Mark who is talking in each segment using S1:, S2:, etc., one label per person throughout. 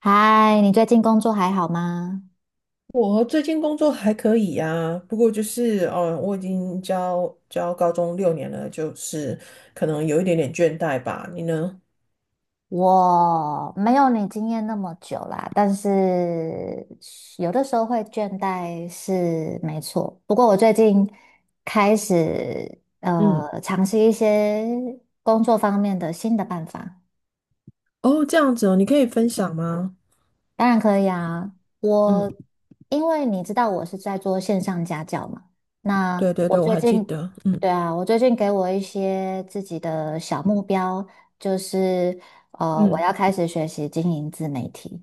S1: 嗨，你最近工作还好吗？
S2: 我最近工作还可以呀、不过就是哦，我已经教高中6年了，就是可能有一点点倦怠吧。你呢？
S1: 我没有你经验那么久啦，但是有的时候会倦怠是没错。不过我最近开始
S2: 嗯，
S1: 尝试一些工作方面的新的办法。
S2: 哦，这样子哦，你可以分享吗？
S1: 当然可以啊，
S2: 嗯，
S1: 我因为你知道我是在做线上家教嘛，
S2: 对
S1: 那
S2: 对对，
S1: 我
S2: 我
S1: 最
S2: 还记
S1: 近，
S2: 得。嗯
S1: 对啊，我最近给我一些自己的小目标，就是我
S2: 嗯，
S1: 要开始学习经营自媒体，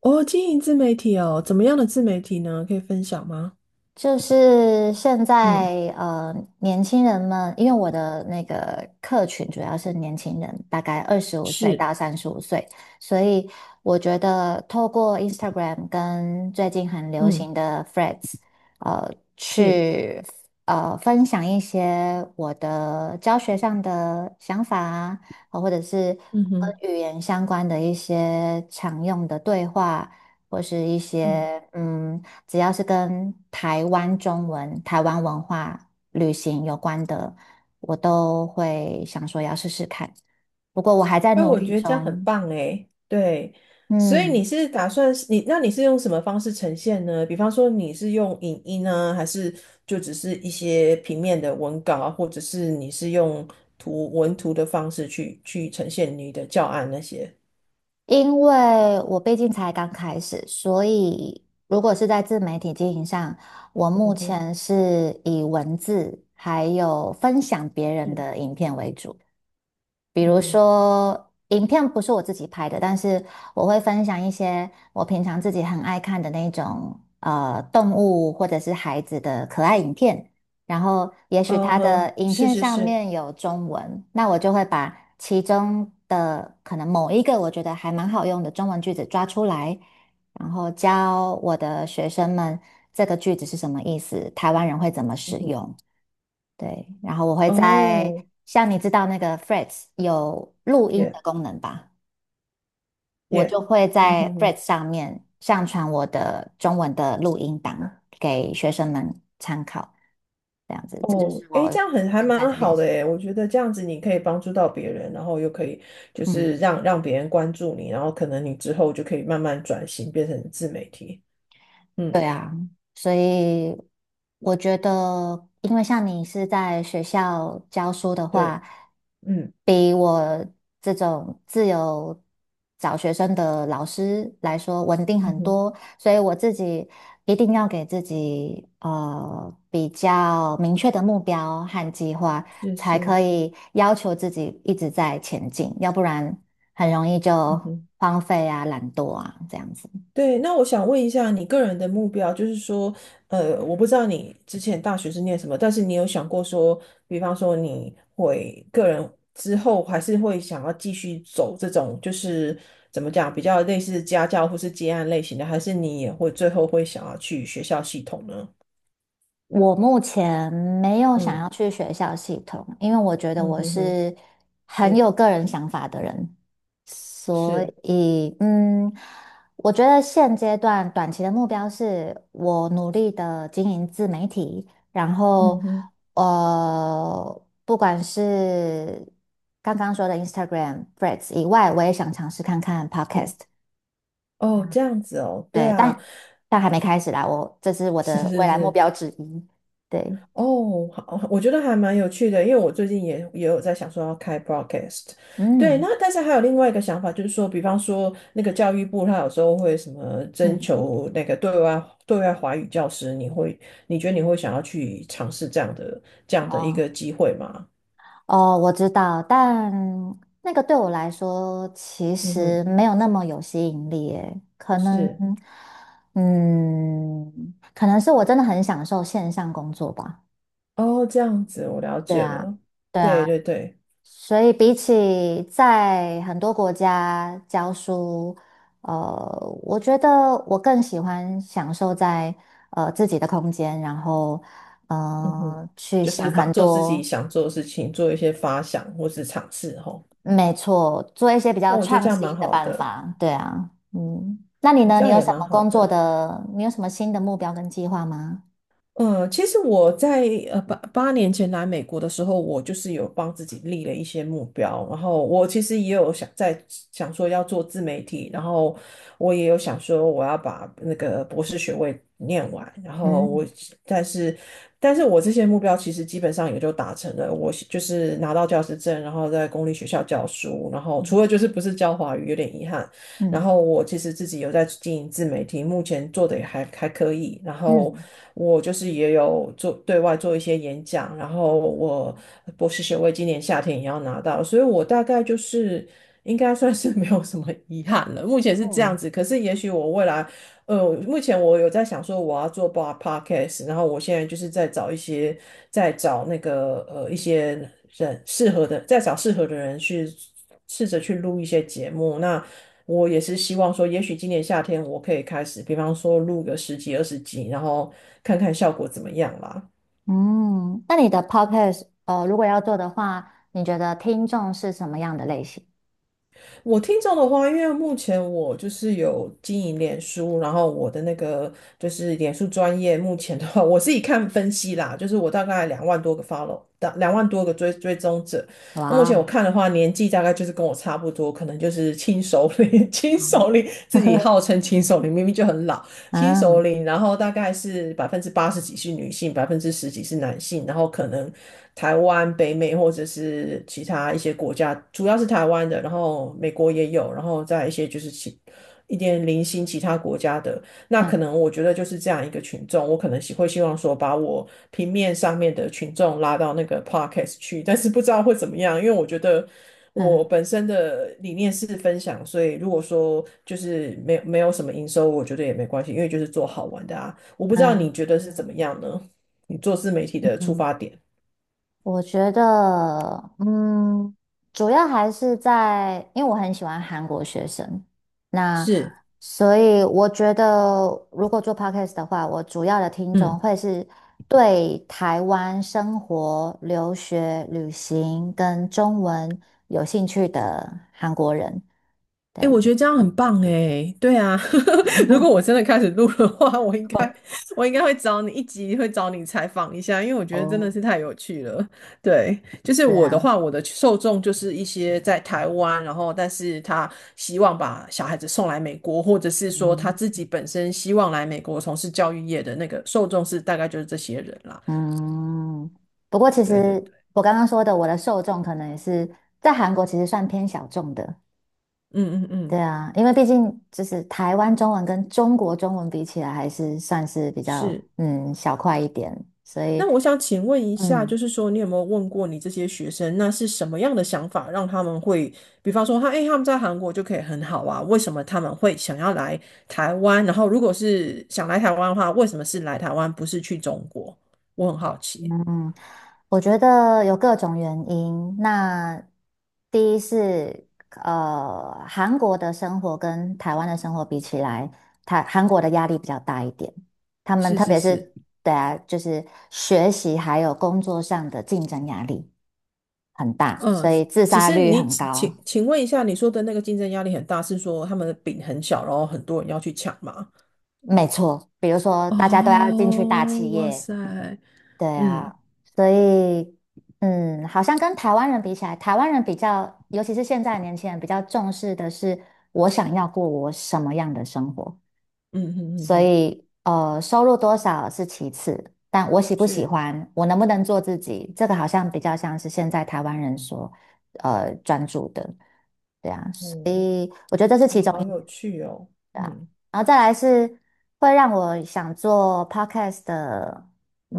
S2: 哦，经营自媒体哦，怎么样的自媒体呢？可以分享吗？
S1: 就是现
S2: 嗯，
S1: 在，年轻人们，因为我的那个客群主要是年轻人，大概25岁
S2: 是，
S1: 到35岁，所以我觉得透过 Instagram 跟最近很流
S2: 嗯
S1: 行的 Threads，
S2: 是，
S1: 去分享一些我的教学上的想法啊，或者是
S2: 嗯
S1: 跟
S2: 哼。
S1: 语言相关的一些常用的对话，或是一
S2: 嗯。
S1: 些。只要是跟台湾中文、台湾文化、旅行有关的，我都会想说要试试看。不过我还在
S2: 哎，
S1: 努
S2: 我
S1: 力
S2: 觉得这样很
S1: 中，
S2: 棒哎，对，所以你
S1: 嗯，
S2: 是打算是你，那你是用什么方式呈现呢？比方说你是用影音呢，还是就只是一些平面的文稿啊，或者是你是用图文图的方式去呈现你的教案那些？
S1: 因为我毕竟才刚开始，所以如果是在自媒体经营上，我目
S2: 嗯哼，
S1: 前是以文字还有分享别
S2: 是，
S1: 人
S2: 嗯
S1: 的影片为主。比如
S2: 哼，
S1: 说，影片不是我自己拍的，但是我会分享一些我平常自己很爱看的那种动物或者是孩子的可爱影片。然后，也许
S2: 嗯
S1: 它的
S2: 哼，
S1: 影
S2: 是
S1: 片
S2: 是
S1: 上
S2: 是，
S1: 面有中文，那我就会把其中的可能某一个我觉得还蛮好用的中文句子抓出来，然后教我的学生们这个句子是什么意思，台湾人会怎么使
S2: 嗯哼，
S1: 用。对，然后我会在，
S2: 哦，
S1: 像你知道那个 f r e a d s 有录音的
S2: 耶
S1: 功能吧，我就
S2: 耶，
S1: 会
S2: 嗯
S1: 在
S2: 哼
S1: f r e a d
S2: 哼。
S1: s 上面上传我的中文的录音档给学生们参考，这样子，这就
S2: 哦，
S1: 是
S2: 诶，
S1: 我
S2: 这样很还
S1: 现在
S2: 蛮
S1: 的练
S2: 好的
S1: 习。
S2: 诶，我觉得这样子你可以帮助到别人，然后又可以就
S1: 嗯。
S2: 是让别人关注你，然后可能你之后就可以慢慢转型变成自媒体。嗯，
S1: 对啊，所以我觉得，因为像你是在学校教书的
S2: 对，
S1: 话，
S2: 嗯
S1: 比我这种自由找学生的老师来说稳定
S2: 嗯
S1: 很
S2: 哼，
S1: 多，所以我自己一定要给自己比较明确的目标和计划，
S2: 是
S1: 才可
S2: 是，
S1: 以要求自己一直在前进，要不然很容易就
S2: 嗯哼。
S1: 荒废啊、懒惰啊这样子。
S2: 对，那我想问一下你个人的目标，就是说，我不知道你之前大学是念什么，但是你有想过说，比方说你会个人之后还是会想要继续走这种，就是怎么讲，比较类似家教或是接案类型的，还是你也会最后会想要去学校系统呢？
S1: 我目前没有想要
S2: 嗯
S1: 去学校系统，因为我觉得
S2: 嗯
S1: 我
S2: 哼哼，
S1: 是很
S2: 是
S1: 有个人想法的人，所
S2: 是，
S1: 以我觉得现阶段短期的目标是我努力的经营自媒体，然
S2: 嗯
S1: 后
S2: 哼，
S1: 不管是刚刚说的 Instagram、Threads 以外，我也想尝试看看
S2: 对，
S1: Podcast，
S2: 哦，这样子哦，对
S1: 对，
S2: 啊，
S1: 但还没开始啦，我这是我
S2: 是
S1: 的未
S2: 是
S1: 来目
S2: 是。
S1: 标之一，对，
S2: 哦，好，我觉得还蛮有趣的，因为我最近也有在想说要开 broadcast，对，
S1: 嗯。
S2: 那但是还有另外一个想法，就是说，比方说那个教育部，他有时候会什么征
S1: 嗯，
S2: 求那个对外华语教师，你觉得你会想要去尝试这样的一
S1: 哦
S2: 个机会吗？
S1: 哦，我知道，但那个对我来说其
S2: 嗯哼，
S1: 实没有那么有吸引力诶，可能，
S2: 是，
S1: 嗯，可能是我真的很享受线上工作吧。
S2: 哦，这样子我了
S1: 对
S2: 解
S1: 啊，
S2: 了，
S1: 对
S2: 对
S1: 啊，
S2: 对对，
S1: 所以比起在很多国家教书，呃，我觉得我更喜欢享受在自己的空间，然后
S2: 嗯哼，
S1: 去
S2: 就是
S1: 想
S2: 发
S1: 很
S2: 做自己
S1: 多，
S2: 想做的事情，做一些发想或是尝试，吼，
S1: 没错，做一些比较
S2: 哦，我觉得这
S1: 创
S2: 样
S1: 新
S2: 蛮
S1: 的
S2: 好
S1: 办
S2: 的。
S1: 法，对啊，那你呢？
S2: 这
S1: 你
S2: 样
S1: 有
S2: 也
S1: 什
S2: 蛮
S1: 么
S2: 好
S1: 工作
S2: 的。
S1: 的？你有什么新的目标跟计划吗？
S2: 其实我在八年前来美国的时候，我就是有帮自己立了一些目标，然后我其实也有想说要做自媒体，然后我也有想说我要把那个博士学位念完，然后我
S1: 嗯
S2: 但是我这些目标其实基本上也就达成了，我是就是拿到教师证，然后在公立学校教书，然后
S1: 嗯
S2: 除了就是不是教华语有点遗憾，然
S1: 嗯
S2: 后我其实自己有在经营自媒体，目前做的也还可以。然后
S1: 嗯
S2: 我就是也有做对外做一些演讲，然后我博士学位今年夏天也要拿到，所以我大概就是应该算是 没有什么遗憾了。目前是这
S1: 嗯
S2: 样子，可是也许我未来，目前我有在想说我要做 bar podcast，然后我现在就是在找一些，在找那个一些人适合的，在找适合的人去试着去录一些节目。那我也是希望说，也许今年夏天我可以开始，比方说录个10几、20集，然后看看效果怎么样啦。
S1: 嗯，那你的 podcast 如果要做的话，你觉得听众是什么样的类型？
S2: 我听众的话，因为目前我就是有经营脸书，然后我的那个就是脸书专业，目前的话，我自己看分析啦，就是我大概两万多个 follow，两万多个追踪者。目
S1: 哇，
S2: 前我看的话，年纪大概就是跟我差不多，可能就是轻熟龄，轻
S1: 嗯
S2: 熟龄 自己 号称轻熟龄，明明就很老。新首
S1: 嗯
S2: 领，然后大概是80几%是女性，10几%是男性，然后可能台湾、北美或者是其他一些国家，主要是台湾的，然后美国也有，然后再一些就是其一点零星其他国家的，那可
S1: 嗯
S2: 能我觉得就是这样一个群众，我可能希望说把我平面上面的群众拉到那个 podcast 去，但是不知道会怎么样，因为我觉得我本身的理念是分享，所以如果说就是没有什么营收，我觉得也没关系，因为就是做好玩的啊。我不知道你
S1: 嗯。
S2: 觉得是怎么样呢？你做自媒体的出
S1: 嗯
S2: 发点
S1: 我觉得，嗯，主要还是在，因为我很喜欢韩国学生，那
S2: 是，
S1: 所以我觉得，如果做 podcast 的话，我主要的听众
S2: 嗯。
S1: 会是对台湾生活、留学、旅行跟中文有兴趣的韩国人。对，
S2: 哎，我觉得这样很棒哎，对啊，如果我真的开始录的话，我应该会找你一集，会找你采访一下，因为我觉得真的
S1: 哦，
S2: 是太有趣了。对，就是
S1: 对
S2: 我的
S1: 啊，
S2: 话，我的受众就是一些在台湾，然后但是他希望把小孩子送来美国，或者是说他
S1: 嗯，
S2: 自己本身希望来美国从事教育业的那个受众是大概就是这些人啦。
S1: 嗯，不过其
S2: 对对
S1: 实
S2: 对，
S1: 我刚刚说的，我的受众可能也是在韩国，其实算偏小众的。
S2: 嗯嗯
S1: 对
S2: 嗯，
S1: 啊，因为毕竟就是台湾中文跟中国中文比起来，还是算是比较
S2: 是。
S1: 小块一点，所以
S2: 那我想请问一下，就
S1: 嗯
S2: 是说，你有没有问过你这些学生，那是什么样的想法让他们会，比方说他，诶，他们在韩国就可以很好啊，为什么他们会想要来台湾？然后，如果是想来台湾的话，为什么是来台湾，不是去中国？我很好奇。
S1: 嗯，我觉得有各种原因。那第一是韩国的生活跟台湾的生活比起来，韩国的压力比较大一点，他们
S2: 是
S1: 特
S2: 是
S1: 别
S2: 是，
S1: 是对啊，就是学习还有工作上的竞争压力很大，
S2: 嗯，
S1: 所以自
S2: 只
S1: 杀
S2: 是
S1: 率
S2: 你
S1: 很
S2: 请请
S1: 高。
S2: 请问一下，你说的那个竞争压力很大，是说他们的饼很小，然后很多人要去抢吗？
S1: 没错，比如说大家都要进去大企
S2: 哦，哇
S1: 业，
S2: 塞，
S1: 对
S2: 嗯。
S1: 啊，所以好像跟台湾人比起来，台湾人比较，尤其是现在的年轻人比较重视的是我想要过我什么样的生活，
S2: 嗯嗯嗯
S1: 所
S2: 嗯，
S1: 以收入多少是其次，但我喜不喜
S2: 是，
S1: 欢，我能不能做自己，这个好像比较像是现在台湾人所专注的，对啊，所
S2: 哦。
S1: 以我觉得这是其
S2: 哇，
S1: 中
S2: 好有
S1: 一。
S2: 趣哦。
S1: 对啊，
S2: 嗯，
S1: 然后再来是会让我想做 podcast 的，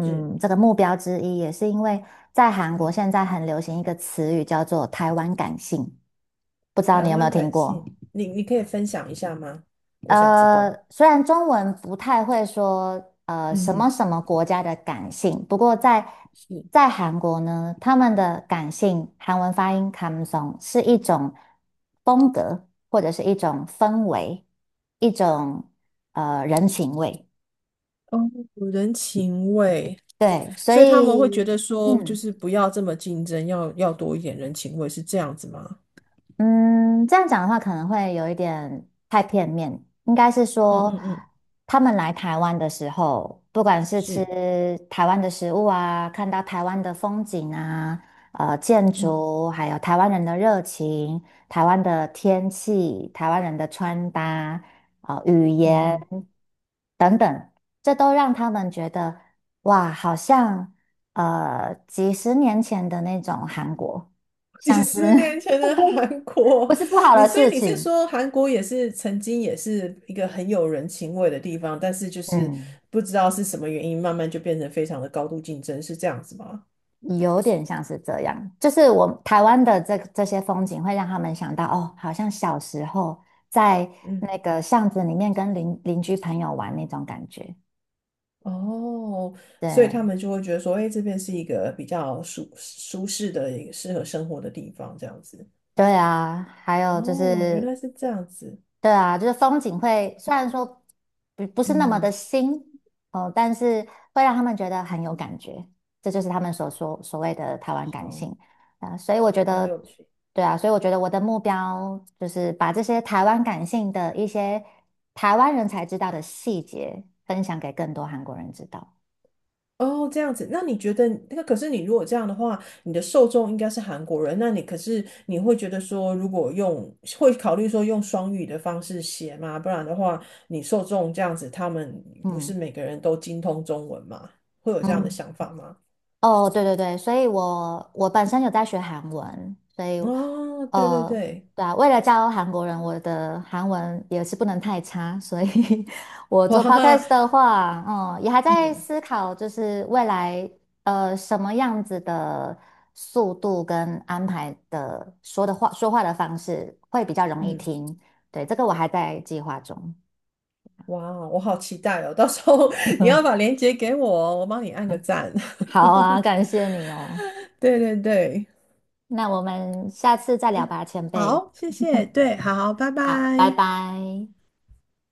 S2: 是，
S1: 这个目标之一，也是因为在韩国
S2: 嗯，
S1: 现在很流行一个词语叫做"台湾感性"，不知道
S2: 台
S1: 你有没有
S2: 湾
S1: 听
S2: 感
S1: 过？
S2: 性，你可以分享一下吗？我想知道。
S1: 虽然中文不太会说
S2: 嗯
S1: 什么
S2: 嗯，
S1: 什么国家的感性，不过在
S2: 是
S1: 在韩国呢，他们的感性韩文发音 comes o 성是一种风格，或者是一种氛围，一种人情味。
S2: 哦，人情味，
S1: 对，所
S2: 所以他们会觉
S1: 以，
S2: 得说，就
S1: 嗯。
S2: 是不要这么竞争，要多一点人情味，是这样子吗？
S1: 嗯，这样讲的话可能会有一点太片面，应该是
S2: 嗯
S1: 说
S2: 嗯嗯，
S1: 他们来台湾的时候，不管是吃
S2: 是，
S1: 台湾的食物啊，看到台湾的风景啊，建
S2: 嗯。
S1: 筑，还有台湾人的热情、台湾的天气、台湾人的穿搭、啊、语
S2: 嗯
S1: 言
S2: 嗯。
S1: 等等，这都让他们觉得哇，好像几十年前的那种韩国，
S2: 几
S1: 像
S2: 十
S1: 是
S2: 年 前的韩国，
S1: 不是不好
S2: 你
S1: 的
S2: 所
S1: 事
S2: 以你是
S1: 情，
S2: 说韩国也是曾经也是一个很有人情味的地方，但是就是
S1: 嗯，
S2: 不知道是什么原因，慢慢就变成非常的高度竞争，是这样子吗？
S1: 有点像是这样，就是我台湾的这些风景会让他们想到，哦，好像小时候在
S2: 嗯，
S1: 那个巷子里面跟邻居朋友玩那种感觉。
S2: 哦，所以他
S1: 对，
S2: 们就会觉得说，哎，这边是一个比较适的、一个适合生活的地方，这样子。
S1: 对啊，还有就
S2: 哦，原来
S1: 是
S2: 是这样子，
S1: 对啊，就是风景会虽然说不是那么的
S2: 嗯，
S1: 新哦，但是会让他们觉得很有感觉，这就是他们所谓的台湾感
S2: 好
S1: 性啊。所以我觉
S2: 好有
S1: 得，
S2: 趣。
S1: 对啊，所以我觉得我的目标就是把这些台湾感性的一些台湾人才知道的细节分享给更多韩国人知道。
S2: 哦，这样子，那你觉得那可是你如果这样的话，你的受众应该是韩国人，那你可是你会觉得说，如果用会考虑说用双语的方式写吗？不然的话，你受众这样子，他们不是
S1: 嗯
S2: 每个人都精通中文吗？会有这样的
S1: 嗯。
S2: 想法吗？
S1: 哦，对对对，所以我本身有在学韩文，所以
S2: 哦，对对
S1: 呃，
S2: 对，
S1: 对啊，为了教韩国人，我的韩文也是不能太差，所以 我做
S2: 哇，
S1: podcast 的话，也还在
S2: 嗯
S1: 思考，就是未来什么样子的速度跟安排的说话的方式会比较容易
S2: 嗯，
S1: 听，对，这个我还在计划中。
S2: 哇哦，我好期待哦！到时候 你要把 链接给我哦我帮你按个赞。
S1: 好啊，感谢你哦，
S2: 对对对。
S1: 那我们下次再聊
S2: 嗯，
S1: 吧，前辈。
S2: 好，谢谢，对，好，拜
S1: 好，拜
S2: 拜。
S1: 拜。